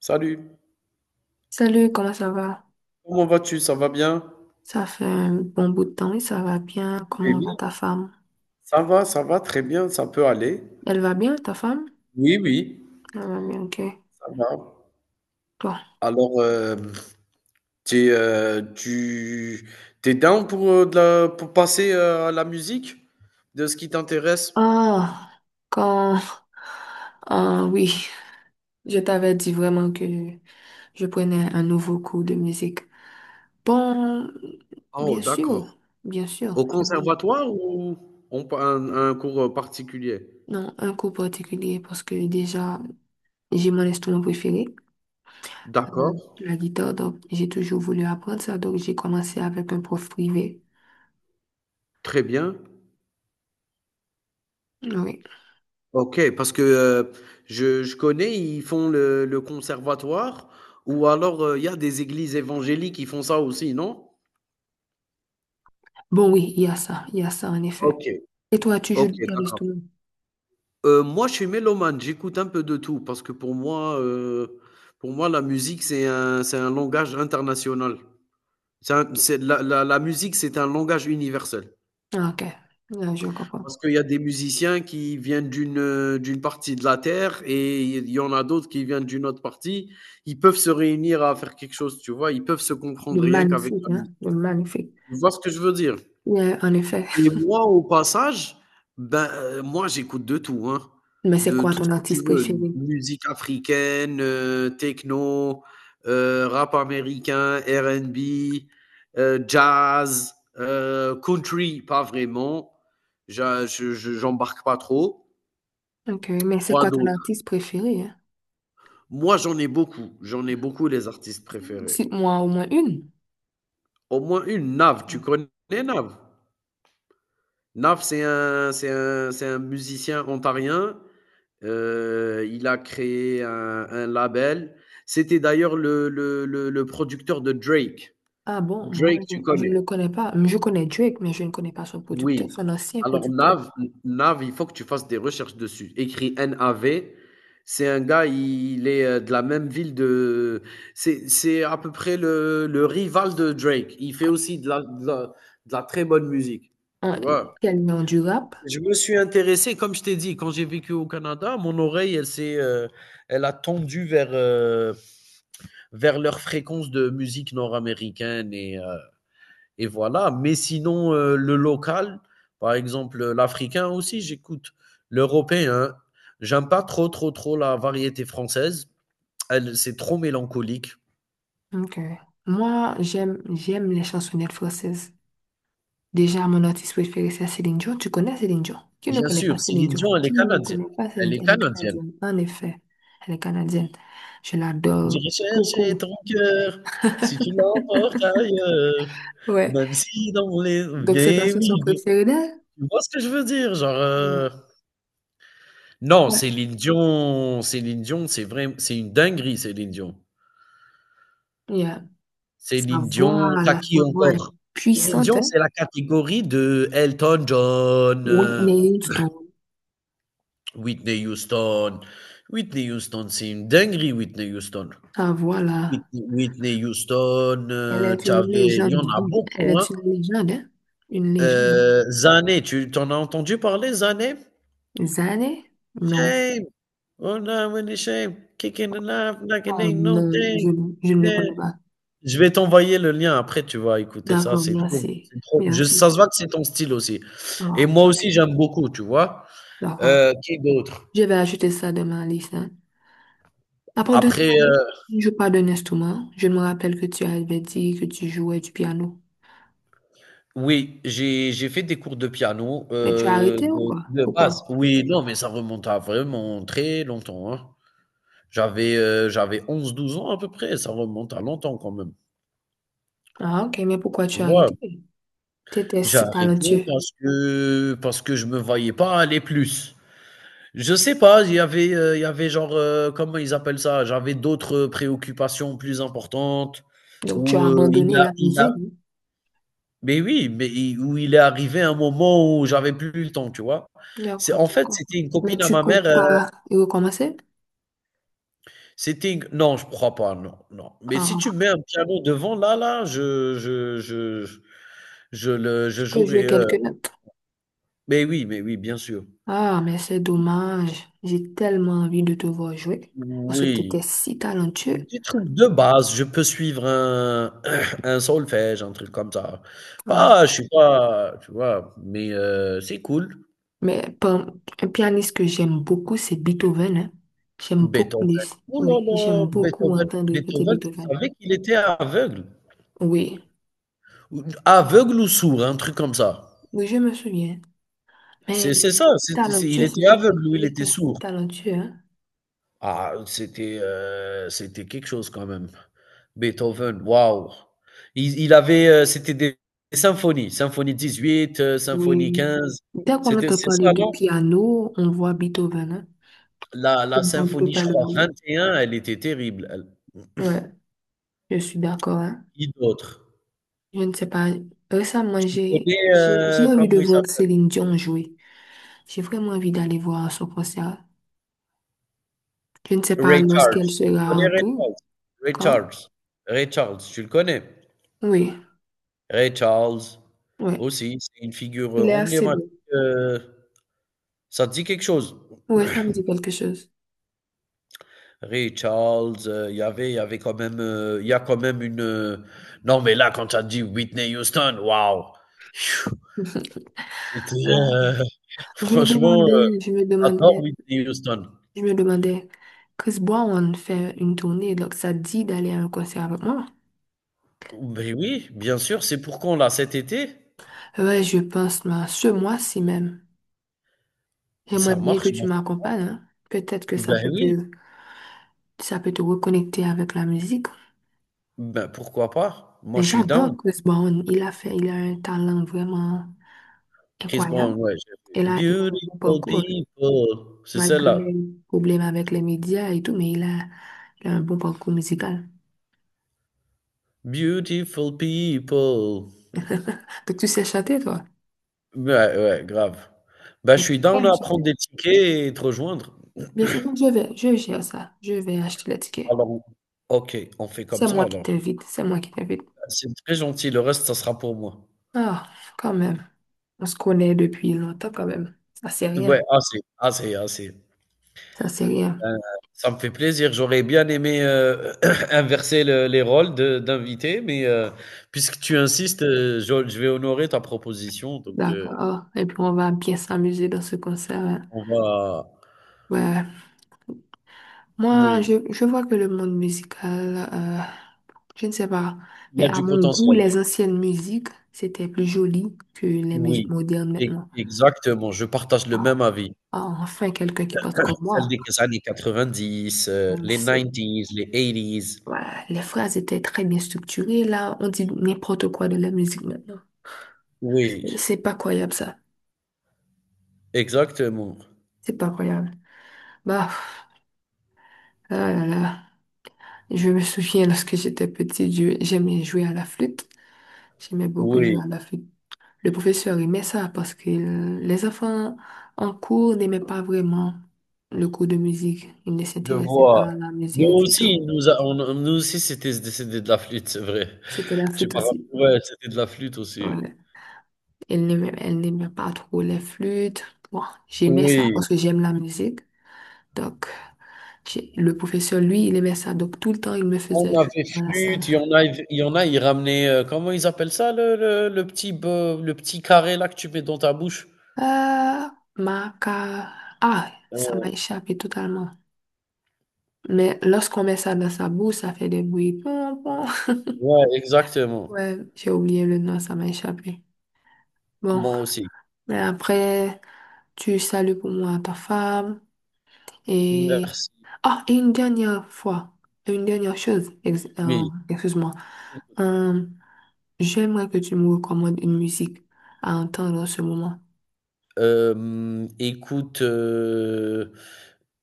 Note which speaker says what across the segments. Speaker 1: Salut,
Speaker 2: Salut, comment ça va?
Speaker 1: comment vas-tu? Ça va bien?
Speaker 2: Ça fait un bon bout de temps et ça va bien.
Speaker 1: Mais
Speaker 2: Comment
Speaker 1: oui,
Speaker 2: va ta femme?
Speaker 1: ça va très bien, ça peut aller.
Speaker 2: Elle va bien, ta femme?
Speaker 1: Oui, oui,
Speaker 2: Elle va bien, ok.
Speaker 1: ça va.
Speaker 2: Toi?
Speaker 1: Alors, t'es, euh, tu t'es down pour, pour passer à la musique, de ce qui t'intéresse?
Speaker 2: Ah, quand... Ah oui, je t'avais dit vraiment que je prenais un nouveau cours de musique. Bon,
Speaker 1: Oh,
Speaker 2: bien
Speaker 1: d'accord.
Speaker 2: sûr, bien sûr,
Speaker 1: Au conservatoire ou un cours particulier?
Speaker 2: Non, un cours particulier parce que déjà, j'ai mon instrument préféré, euh,
Speaker 1: D'accord,
Speaker 2: la guitare, donc j'ai toujours voulu apprendre ça, donc j'ai commencé avec un prof privé.
Speaker 1: très bien.
Speaker 2: Oui.
Speaker 1: OK, parce que je connais, ils font le conservatoire, ou alors il y a des églises évangéliques qui font ça aussi, non?
Speaker 2: Bon, oui, il y a ça en effet.
Speaker 1: OK,
Speaker 2: Et toi, tu joues
Speaker 1: OK,
Speaker 2: du piano?
Speaker 1: d'accord. Moi, je suis mélomane, j'écoute un peu de tout parce que pour moi, la musique, c'est un langage international. C'est un- c'est- la- La musique, c'est un langage universel.
Speaker 2: Ah, ok, là, je comprends.
Speaker 1: Parce qu'il y a des musiciens qui viennent d'une partie de la terre, et il y en a d'autres qui viennent d'une autre partie. Ils peuvent se réunir à faire quelque chose, tu vois? Ils peuvent se
Speaker 2: De
Speaker 1: comprendre rien qu'avec
Speaker 2: magnifique,
Speaker 1: la
Speaker 2: hein?
Speaker 1: musique.
Speaker 2: De magnifique.
Speaker 1: Tu vois ce que je veux dire?
Speaker 2: Ouais, en effet.
Speaker 1: Et moi, au passage, ben, j'écoute de tout, hein,
Speaker 2: Mais c'est
Speaker 1: de
Speaker 2: quoi
Speaker 1: tout ce
Speaker 2: ton
Speaker 1: que tu
Speaker 2: artiste
Speaker 1: veux:
Speaker 2: préféré?
Speaker 1: musique africaine, techno, rap américain, RnB, jazz, country, pas vraiment. J'a je J'embarque pas trop.
Speaker 2: Ok, mais c'est
Speaker 1: Quoi
Speaker 2: quoi ton
Speaker 1: d'autre?
Speaker 2: artiste préféré, hein?
Speaker 1: Moi, j'en ai beaucoup les artistes préférés.
Speaker 2: Cite-moi au moins une.
Speaker 1: Au moins une, Nav, tu connais Nav? Nav, c'est un musicien ontarien. Il a créé un label. C'était d'ailleurs le producteur de Drake.
Speaker 2: Ah bon, moi,
Speaker 1: Drake, tu
Speaker 2: je ne le
Speaker 1: connais?
Speaker 2: connais pas. Je connais Drake, mais je ne connais pas son producteur,
Speaker 1: Oui.
Speaker 2: son ancien
Speaker 1: Alors
Speaker 2: producteur.
Speaker 1: Nav, il faut que tu fasses des recherches dessus. Écrit NAV. C'est un gars, il est, de la même ville de... C'est à peu près le rival de Drake. Il fait aussi de la très bonne musique, tu
Speaker 2: Un-
Speaker 1: vois?
Speaker 2: Quel nom du rap?
Speaker 1: Je me suis intéressé, comme je t'ai dit, quand j'ai vécu au Canada. Mon oreille, elle a tendu vers, leur fréquence de musique nord-américaine, et voilà. Mais sinon, le local, par exemple, l'africain aussi, j'écoute. L'européen, j'aime pas trop, trop, trop la variété française. Elle, c'est trop mélancolique.
Speaker 2: Ok. Moi, j'aime les chansonnettes françaises. Déjà, mon artiste préféré, c'est Céline Dion. Tu connais Céline Dion? Qui ne
Speaker 1: Bien
Speaker 2: connaît pas
Speaker 1: sûr,
Speaker 2: Céline
Speaker 1: Céline
Speaker 2: Dion?
Speaker 1: Dion, elle est
Speaker 2: Qui ne
Speaker 1: canadienne.
Speaker 2: connaît pas Céline
Speaker 1: Elle
Speaker 2: Dion?
Speaker 1: est
Speaker 2: Elle est
Speaker 1: canadienne.
Speaker 2: canadienne. En effet, elle est canadienne. Je l'adore
Speaker 1: J'irai chercher
Speaker 2: beaucoup.
Speaker 1: ton cœur si tu l'emportes ailleurs,
Speaker 2: Ouais.
Speaker 1: même si dans les...
Speaker 2: Donc, c'est ton
Speaker 1: Mais
Speaker 2: chanson
Speaker 1: oui, mais
Speaker 2: préférée d'elle?
Speaker 1: tu vois ce que je veux dire?
Speaker 2: Ouais.
Speaker 1: Non,
Speaker 2: Ouais.
Speaker 1: Céline Dion, c'est vraim c'est une dinguerie, Céline Dion.
Speaker 2: Yeah. Sa
Speaker 1: Céline
Speaker 2: voix,
Speaker 1: Dion, t'as
Speaker 2: la sa
Speaker 1: qui
Speaker 2: voix est
Speaker 1: encore? Céline
Speaker 2: puissante,
Speaker 1: Dion,
Speaker 2: hein?
Speaker 1: c'est la catégorie de Elton John,
Speaker 2: Whitney Houston.
Speaker 1: Whitney Houston. Whitney Houston, c'est une dinguerie, Whitney Houston.
Speaker 2: Sa voix, là,
Speaker 1: Whitney Whitney Houston,
Speaker 2: elle est
Speaker 1: tu
Speaker 2: une
Speaker 1: il y
Speaker 2: légende
Speaker 1: en a
Speaker 2: vive. Elle
Speaker 1: beaucoup, hein.
Speaker 2: est une légende, hein? Une légende.
Speaker 1: Zane, tu t'en as entendu parler, Zane?
Speaker 2: Zané? Non.
Speaker 1: Shame, oh no, really shame, kicking the life like it
Speaker 2: Oh
Speaker 1: ain't no
Speaker 2: non,
Speaker 1: thing,
Speaker 2: je ne le
Speaker 1: yeah.
Speaker 2: connais pas.
Speaker 1: Je vais t'envoyer le lien après, tu vas écouter ça,
Speaker 2: D'accord, merci.
Speaker 1: c'est trop je ça
Speaker 2: Merci.
Speaker 1: se voit que c'est ton style aussi, et
Speaker 2: Ah,
Speaker 1: moi
Speaker 2: ok,
Speaker 1: aussi j'aime beaucoup, tu vois?
Speaker 2: d'accord.
Speaker 1: Qui d'autre?
Speaker 2: Je vais ajouter ça dans ma liste, hein. À part de ça,
Speaker 1: Après,
Speaker 2: si je ne joue pas d'un instrument. Je me rappelle que tu avais dit que tu jouais du piano.
Speaker 1: oui, j'ai fait des cours de piano,
Speaker 2: Mais tu as arrêté ou quoi?
Speaker 1: de base.
Speaker 2: Pourquoi?
Speaker 1: Oui, non, mais ça remonte à vraiment très longtemps, hein. J'avais 11 12 ans à peu près, ça remonte à longtemps quand même,
Speaker 2: Ah, ok, mais pourquoi
Speaker 1: tu
Speaker 2: tu as
Speaker 1: vois?
Speaker 2: arrêté? Tu étais
Speaker 1: J'ai
Speaker 2: si
Speaker 1: arrêté
Speaker 2: talentueux.
Speaker 1: parce que je me voyais pas aller plus. Je sais pas, il y avait genre, comment ils appellent ça? J'avais d'autres préoccupations plus importantes,
Speaker 2: Donc, tu
Speaker 1: où,
Speaker 2: as abandonné la
Speaker 1: il a
Speaker 2: musique.
Speaker 1: mais oui, mais il est arrivé un moment où j'avais plus le temps, tu vois? C'est
Speaker 2: D'accord,
Speaker 1: en
Speaker 2: je
Speaker 1: fait,
Speaker 2: comprends.
Speaker 1: c'était une
Speaker 2: Mais
Speaker 1: copine à
Speaker 2: tu
Speaker 1: ma mère,
Speaker 2: comptes pas y recommencer?
Speaker 1: c'était une non, je crois pas, non, non. Mais si tu
Speaker 2: Ah,
Speaker 1: mets un piano devant, là là, je le je
Speaker 2: tu peux jouer
Speaker 1: jouerai,
Speaker 2: quelques notes.
Speaker 1: mais oui, bien sûr.
Speaker 2: Ah, mais c'est dommage. J'ai tellement envie de te voir jouer. Parce que tu étais
Speaker 1: Oui.
Speaker 2: si talentueux.
Speaker 1: Des trucs de base, je peux suivre un un solfège, un truc comme ça.
Speaker 2: Ah.
Speaker 1: Pas je suis pas, tu vois? Mais c'est cool.
Speaker 2: Mais par- un pianiste que j'aime beaucoup, c'est Beethoven, hein. J'aime beaucoup les...
Speaker 1: Beethoven, oh là
Speaker 2: Oui, j'aime
Speaker 1: là!
Speaker 2: beaucoup entendre écouter
Speaker 1: Beethoven, tu
Speaker 2: Beethoven.
Speaker 1: savais qu'il était aveugle?
Speaker 2: Oui,
Speaker 1: Ou aveugle ou sourd, un truc comme ça.
Speaker 2: oui, je me souviens. Mais il
Speaker 1: C'est
Speaker 2: est
Speaker 1: ça,
Speaker 2: si
Speaker 1: c'est il
Speaker 2: talentueux,
Speaker 1: était
Speaker 2: cet homme.
Speaker 1: aveugle ou il
Speaker 2: Il
Speaker 1: était
Speaker 2: était si
Speaker 1: sourd.
Speaker 2: talentueux, hein.
Speaker 1: Ah, c'était, quelque chose quand même. Beethoven, waouh! Il avait, c'était des symphonie 18, symphonie
Speaker 2: Oui.
Speaker 1: 15.
Speaker 2: Dès qu'on entend
Speaker 1: C'est
Speaker 2: parler
Speaker 1: ça,
Speaker 2: de
Speaker 1: non?
Speaker 2: piano, on voit Beethoven, hein.
Speaker 1: La
Speaker 2: On ne peut
Speaker 1: symphonie, je
Speaker 2: pas
Speaker 1: crois, vingt
Speaker 2: l'oublier.
Speaker 1: et un, elle était terrible, elle.
Speaker 2: Ouais, je suis d'accord, hein.
Speaker 1: Qui d'autre?
Speaker 2: Je ne sais pas. Récemment,
Speaker 1: Tu connais,
Speaker 2: j'ai envie de
Speaker 1: comment il
Speaker 2: voir
Speaker 1: s'appelle?
Speaker 2: Céline Dion jouer. J'ai vraiment envie d'aller voir son concert. Je ne sais pas
Speaker 1: Ray
Speaker 2: lorsqu'elle
Speaker 1: Charles. Tu
Speaker 2: sera
Speaker 1: connais
Speaker 2: en
Speaker 1: Ray
Speaker 2: tout.
Speaker 1: Charles? Ray
Speaker 2: Quand?
Speaker 1: Charles. Ray Charles, tu le connais?
Speaker 2: Oui,
Speaker 1: Ray Charles
Speaker 2: oui.
Speaker 1: aussi, c'est une figure,
Speaker 2: Il est assez
Speaker 1: emblématique.
Speaker 2: beau.
Speaker 1: heu, Ça te dit quelque chose?
Speaker 2: Oui, ça me dit quelque chose.
Speaker 1: Ray Charles, il y avait quand même, il y a quand même une. Non, mais là, quand tu as dit Whitney Houston, waouh! Phew, C'était.
Speaker 2: Euh,
Speaker 1: euh,
Speaker 2: je me
Speaker 1: Franchement,
Speaker 2: demandais, je me
Speaker 1: j'adore
Speaker 2: demandais,
Speaker 1: Whitney Houston.
Speaker 2: je me demandais, Chris Brown fait une tournée, donc ça te dit d'aller à un concert avec moi?
Speaker 1: Ben oui, bien sûr, c'est pour quand là, cet été?
Speaker 2: Ouais, je pense, mais ce mois-ci même. J'aimerais
Speaker 1: Ça
Speaker 2: bien que
Speaker 1: marche,
Speaker 2: tu
Speaker 1: moi, ça-
Speaker 2: m'accompagnes, hein. Peut-être que
Speaker 1: Ben oui,
Speaker 2: ça peut te reconnecter avec la musique.
Speaker 1: ben pourquoi pas? Moi,
Speaker 2: Mais
Speaker 1: je suis
Speaker 2: j'adore
Speaker 1: down.
Speaker 2: Chris Brown. Il a un talent vraiment
Speaker 1: Chris
Speaker 2: incroyable.
Speaker 1: Brown, ouais.
Speaker 2: Et
Speaker 1: j'ai-
Speaker 2: là, il a un bon
Speaker 1: Beautiful
Speaker 2: parcours,
Speaker 1: people. C'est
Speaker 2: malgré
Speaker 1: celle-là.
Speaker 2: les problèmes avec les médias et tout, il a un bon parcours musical.
Speaker 1: Beautiful people.
Speaker 2: Donc, tu sais chanter, toi?
Speaker 1: Ouais, ouais, grave. Bah, je
Speaker 2: Mais
Speaker 1: suis
Speaker 2: tu
Speaker 1: down
Speaker 2: aimes
Speaker 1: à prendre
Speaker 2: chanter?
Speaker 1: des tickets et te rejoindre.
Speaker 2: Bien sûr, non, je gère ça. Je vais acheter les tickets.
Speaker 1: Alors, OK, on fait
Speaker 2: C'est
Speaker 1: comme ça
Speaker 2: moi qui
Speaker 1: alors.
Speaker 2: t'invite, c'est moi qui t'invite.
Speaker 1: C'est très gentil, le reste, ça sera pour moi.
Speaker 2: Ah, quand même. On se connaît depuis longtemps, quand même. Ça, c'est
Speaker 1: Ouais,
Speaker 2: rien.
Speaker 1: assez, assez, assez.
Speaker 2: Ça, c'est rien.
Speaker 1: Heu, ça me fait plaisir. J'aurais bien aimé, inverser le les rôles de d'invités, mais, puisque tu insistes, je vais honorer ta proposition, donc,
Speaker 2: D'accord. Et puis, on va bien s'amuser dans ce concert, hein.
Speaker 1: on va
Speaker 2: Ouais. Moi,
Speaker 1: oui,
Speaker 2: je vois que le monde musical, je ne sais pas,
Speaker 1: il y
Speaker 2: mais
Speaker 1: a
Speaker 2: à
Speaker 1: du
Speaker 2: mon goût,
Speaker 1: potentiel.
Speaker 2: les anciennes musiques, c'était plus joli que les musiques
Speaker 1: Oui,
Speaker 2: modernes
Speaker 1: e
Speaker 2: maintenant.
Speaker 1: exactement, je partage le
Speaker 2: Ah,
Speaker 1: même avis.
Speaker 2: ah, enfin, quelqu'un qui pense comme
Speaker 1: Celle
Speaker 2: moi.
Speaker 1: des années 90,
Speaker 2: Euh,
Speaker 1: les
Speaker 2: c'est-
Speaker 1: nineties, les eighties.
Speaker 2: voilà, les phrases étaient très bien structurées, là, on dit n'importe quoi de la musique maintenant.
Speaker 1: Oui,
Speaker 2: C'est pas croyable, ça.
Speaker 1: exactement.
Speaker 2: C'est pas croyable. Bah, là, là, là. Je me souviens lorsque j'étais petite, j'aimais jouer à la flûte. J'aimais beaucoup jouer
Speaker 1: Oui,
Speaker 2: à la flûte. Le professeur aimait ça parce que les enfants en cours n'aimaient pas vraiment le cours de musique. Ils ne
Speaker 1: je
Speaker 2: s'intéressaient pas
Speaker 1: vois.
Speaker 2: à la
Speaker 1: Nous
Speaker 2: musique du
Speaker 1: aussi,
Speaker 2: tout.
Speaker 1: nous a on a nous aussi, c'était de la flûte, c'est vrai.
Speaker 2: C'était la
Speaker 1: Tu
Speaker 2: flûte
Speaker 1: m'as rapp
Speaker 2: aussi.
Speaker 1: Ouais, c'était de la flûte aussi.
Speaker 2: Ouais. Elle n'aimait pas trop les flûtes. Bon, j'aimais ça
Speaker 1: Oui,
Speaker 2: parce que j'aime la musique. Donc, le professeur, lui, il aimait ça. Donc, tout le temps, il me faisait
Speaker 1: on
Speaker 2: jouer
Speaker 1: avait
Speaker 2: dans la salle.
Speaker 1: flûte, il y en a, ils ramenaient, comment ils appellent ça, le petit carré là, que tu mets dans ta bouche?
Speaker 2: Euh, ma ca- Ah, ça
Speaker 1: Heu,
Speaker 2: m'a échappé totalement. Mais lorsqu'on met ça dans sa bouche, ça fait des bruits.
Speaker 1: ouais, exactement.
Speaker 2: Ouais, j'ai oublié le nom, ça m'a échappé. Bon,
Speaker 1: Moi aussi.
Speaker 2: mais après, tu salues pour moi ta femme et...
Speaker 1: Merci,
Speaker 2: Ah, et une dernière fois, une dernière chose, excuse-moi.
Speaker 1: oui.
Speaker 2: Euh, j'aimerais que tu me recommandes une musique à entendre en ce moment.
Speaker 1: Écoute, heu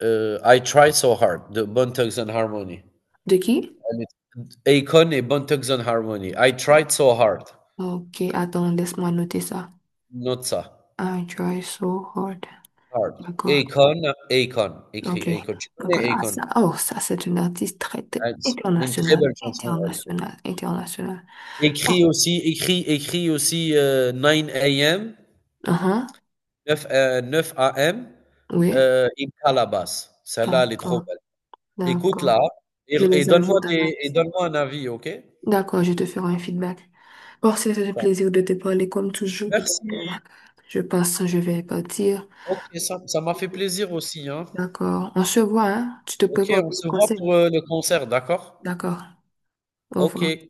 Speaker 1: heu, I Try So Hard de Bone Thugs and Harmony.
Speaker 2: De qui?
Speaker 1: Elle Akon et Bone Thugs and Harmony. I Tried So Hard.
Speaker 2: Ok, attends, laisse-moi noter ça.
Speaker 1: Note ça.
Speaker 2: I try so hard.
Speaker 1: Hard.
Speaker 2: D'accord.
Speaker 1: Akon, Akon, écrit
Speaker 2: Ok.
Speaker 1: Akon. Tu
Speaker 2: D'accord.
Speaker 1: connais
Speaker 2: Ah,
Speaker 1: Akon?
Speaker 2: ça, oh, ça, c'est une artiste très, très
Speaker 1: Ah, c'est une très
Speaker 2: internationale.
Speaker 1: belle chanson, elle.
Speaker 2: Internationale. Internationale. Oh.
Speaker 1: Écrit aussi, 9 AM,
Speaker 2: Uh-huh.
Speaker 1: 9, 9 AM,
Speaker 2: Oui,
Speaker 1: in Calabas. Celle-là, elle est trop
Speaker 2: d'accord,
Speaker 1: belle.
Speaker 2: d'accord.
Speaker 1: Écoute-la, et
Speaker 2: Je
Speaker 1: et
Speaker 2: les
Speaker 1: donne-moi
Speaker 2: ajoute à la
Speaker 1: des et
Speaker 2: liste.
Speaker 1: donne-moi un avis, OK?
Speaker 2: D'accord, je te ferai un feedback. Bon, c'était un plaisir de te parler comme toujours.
Speaker 1: Merci.
Speaker 2: Donc, je pense que je vais partir.
Speaker 1: OK, ça m'a fait plaisir aussi, hein.
Speaker 2: D'accord. On se voit, hein? Tu te
Speaker 1: OK,
Speaker 2: prépares
Speaker 1: on
Speaker 2: pour le
Speaker 1: se voit
Speaker 2: conseil.
Speaker 1: pour, le concert, d'accord?
Speaker 2: D'accord. Au revoir.
Speaker 1: OK.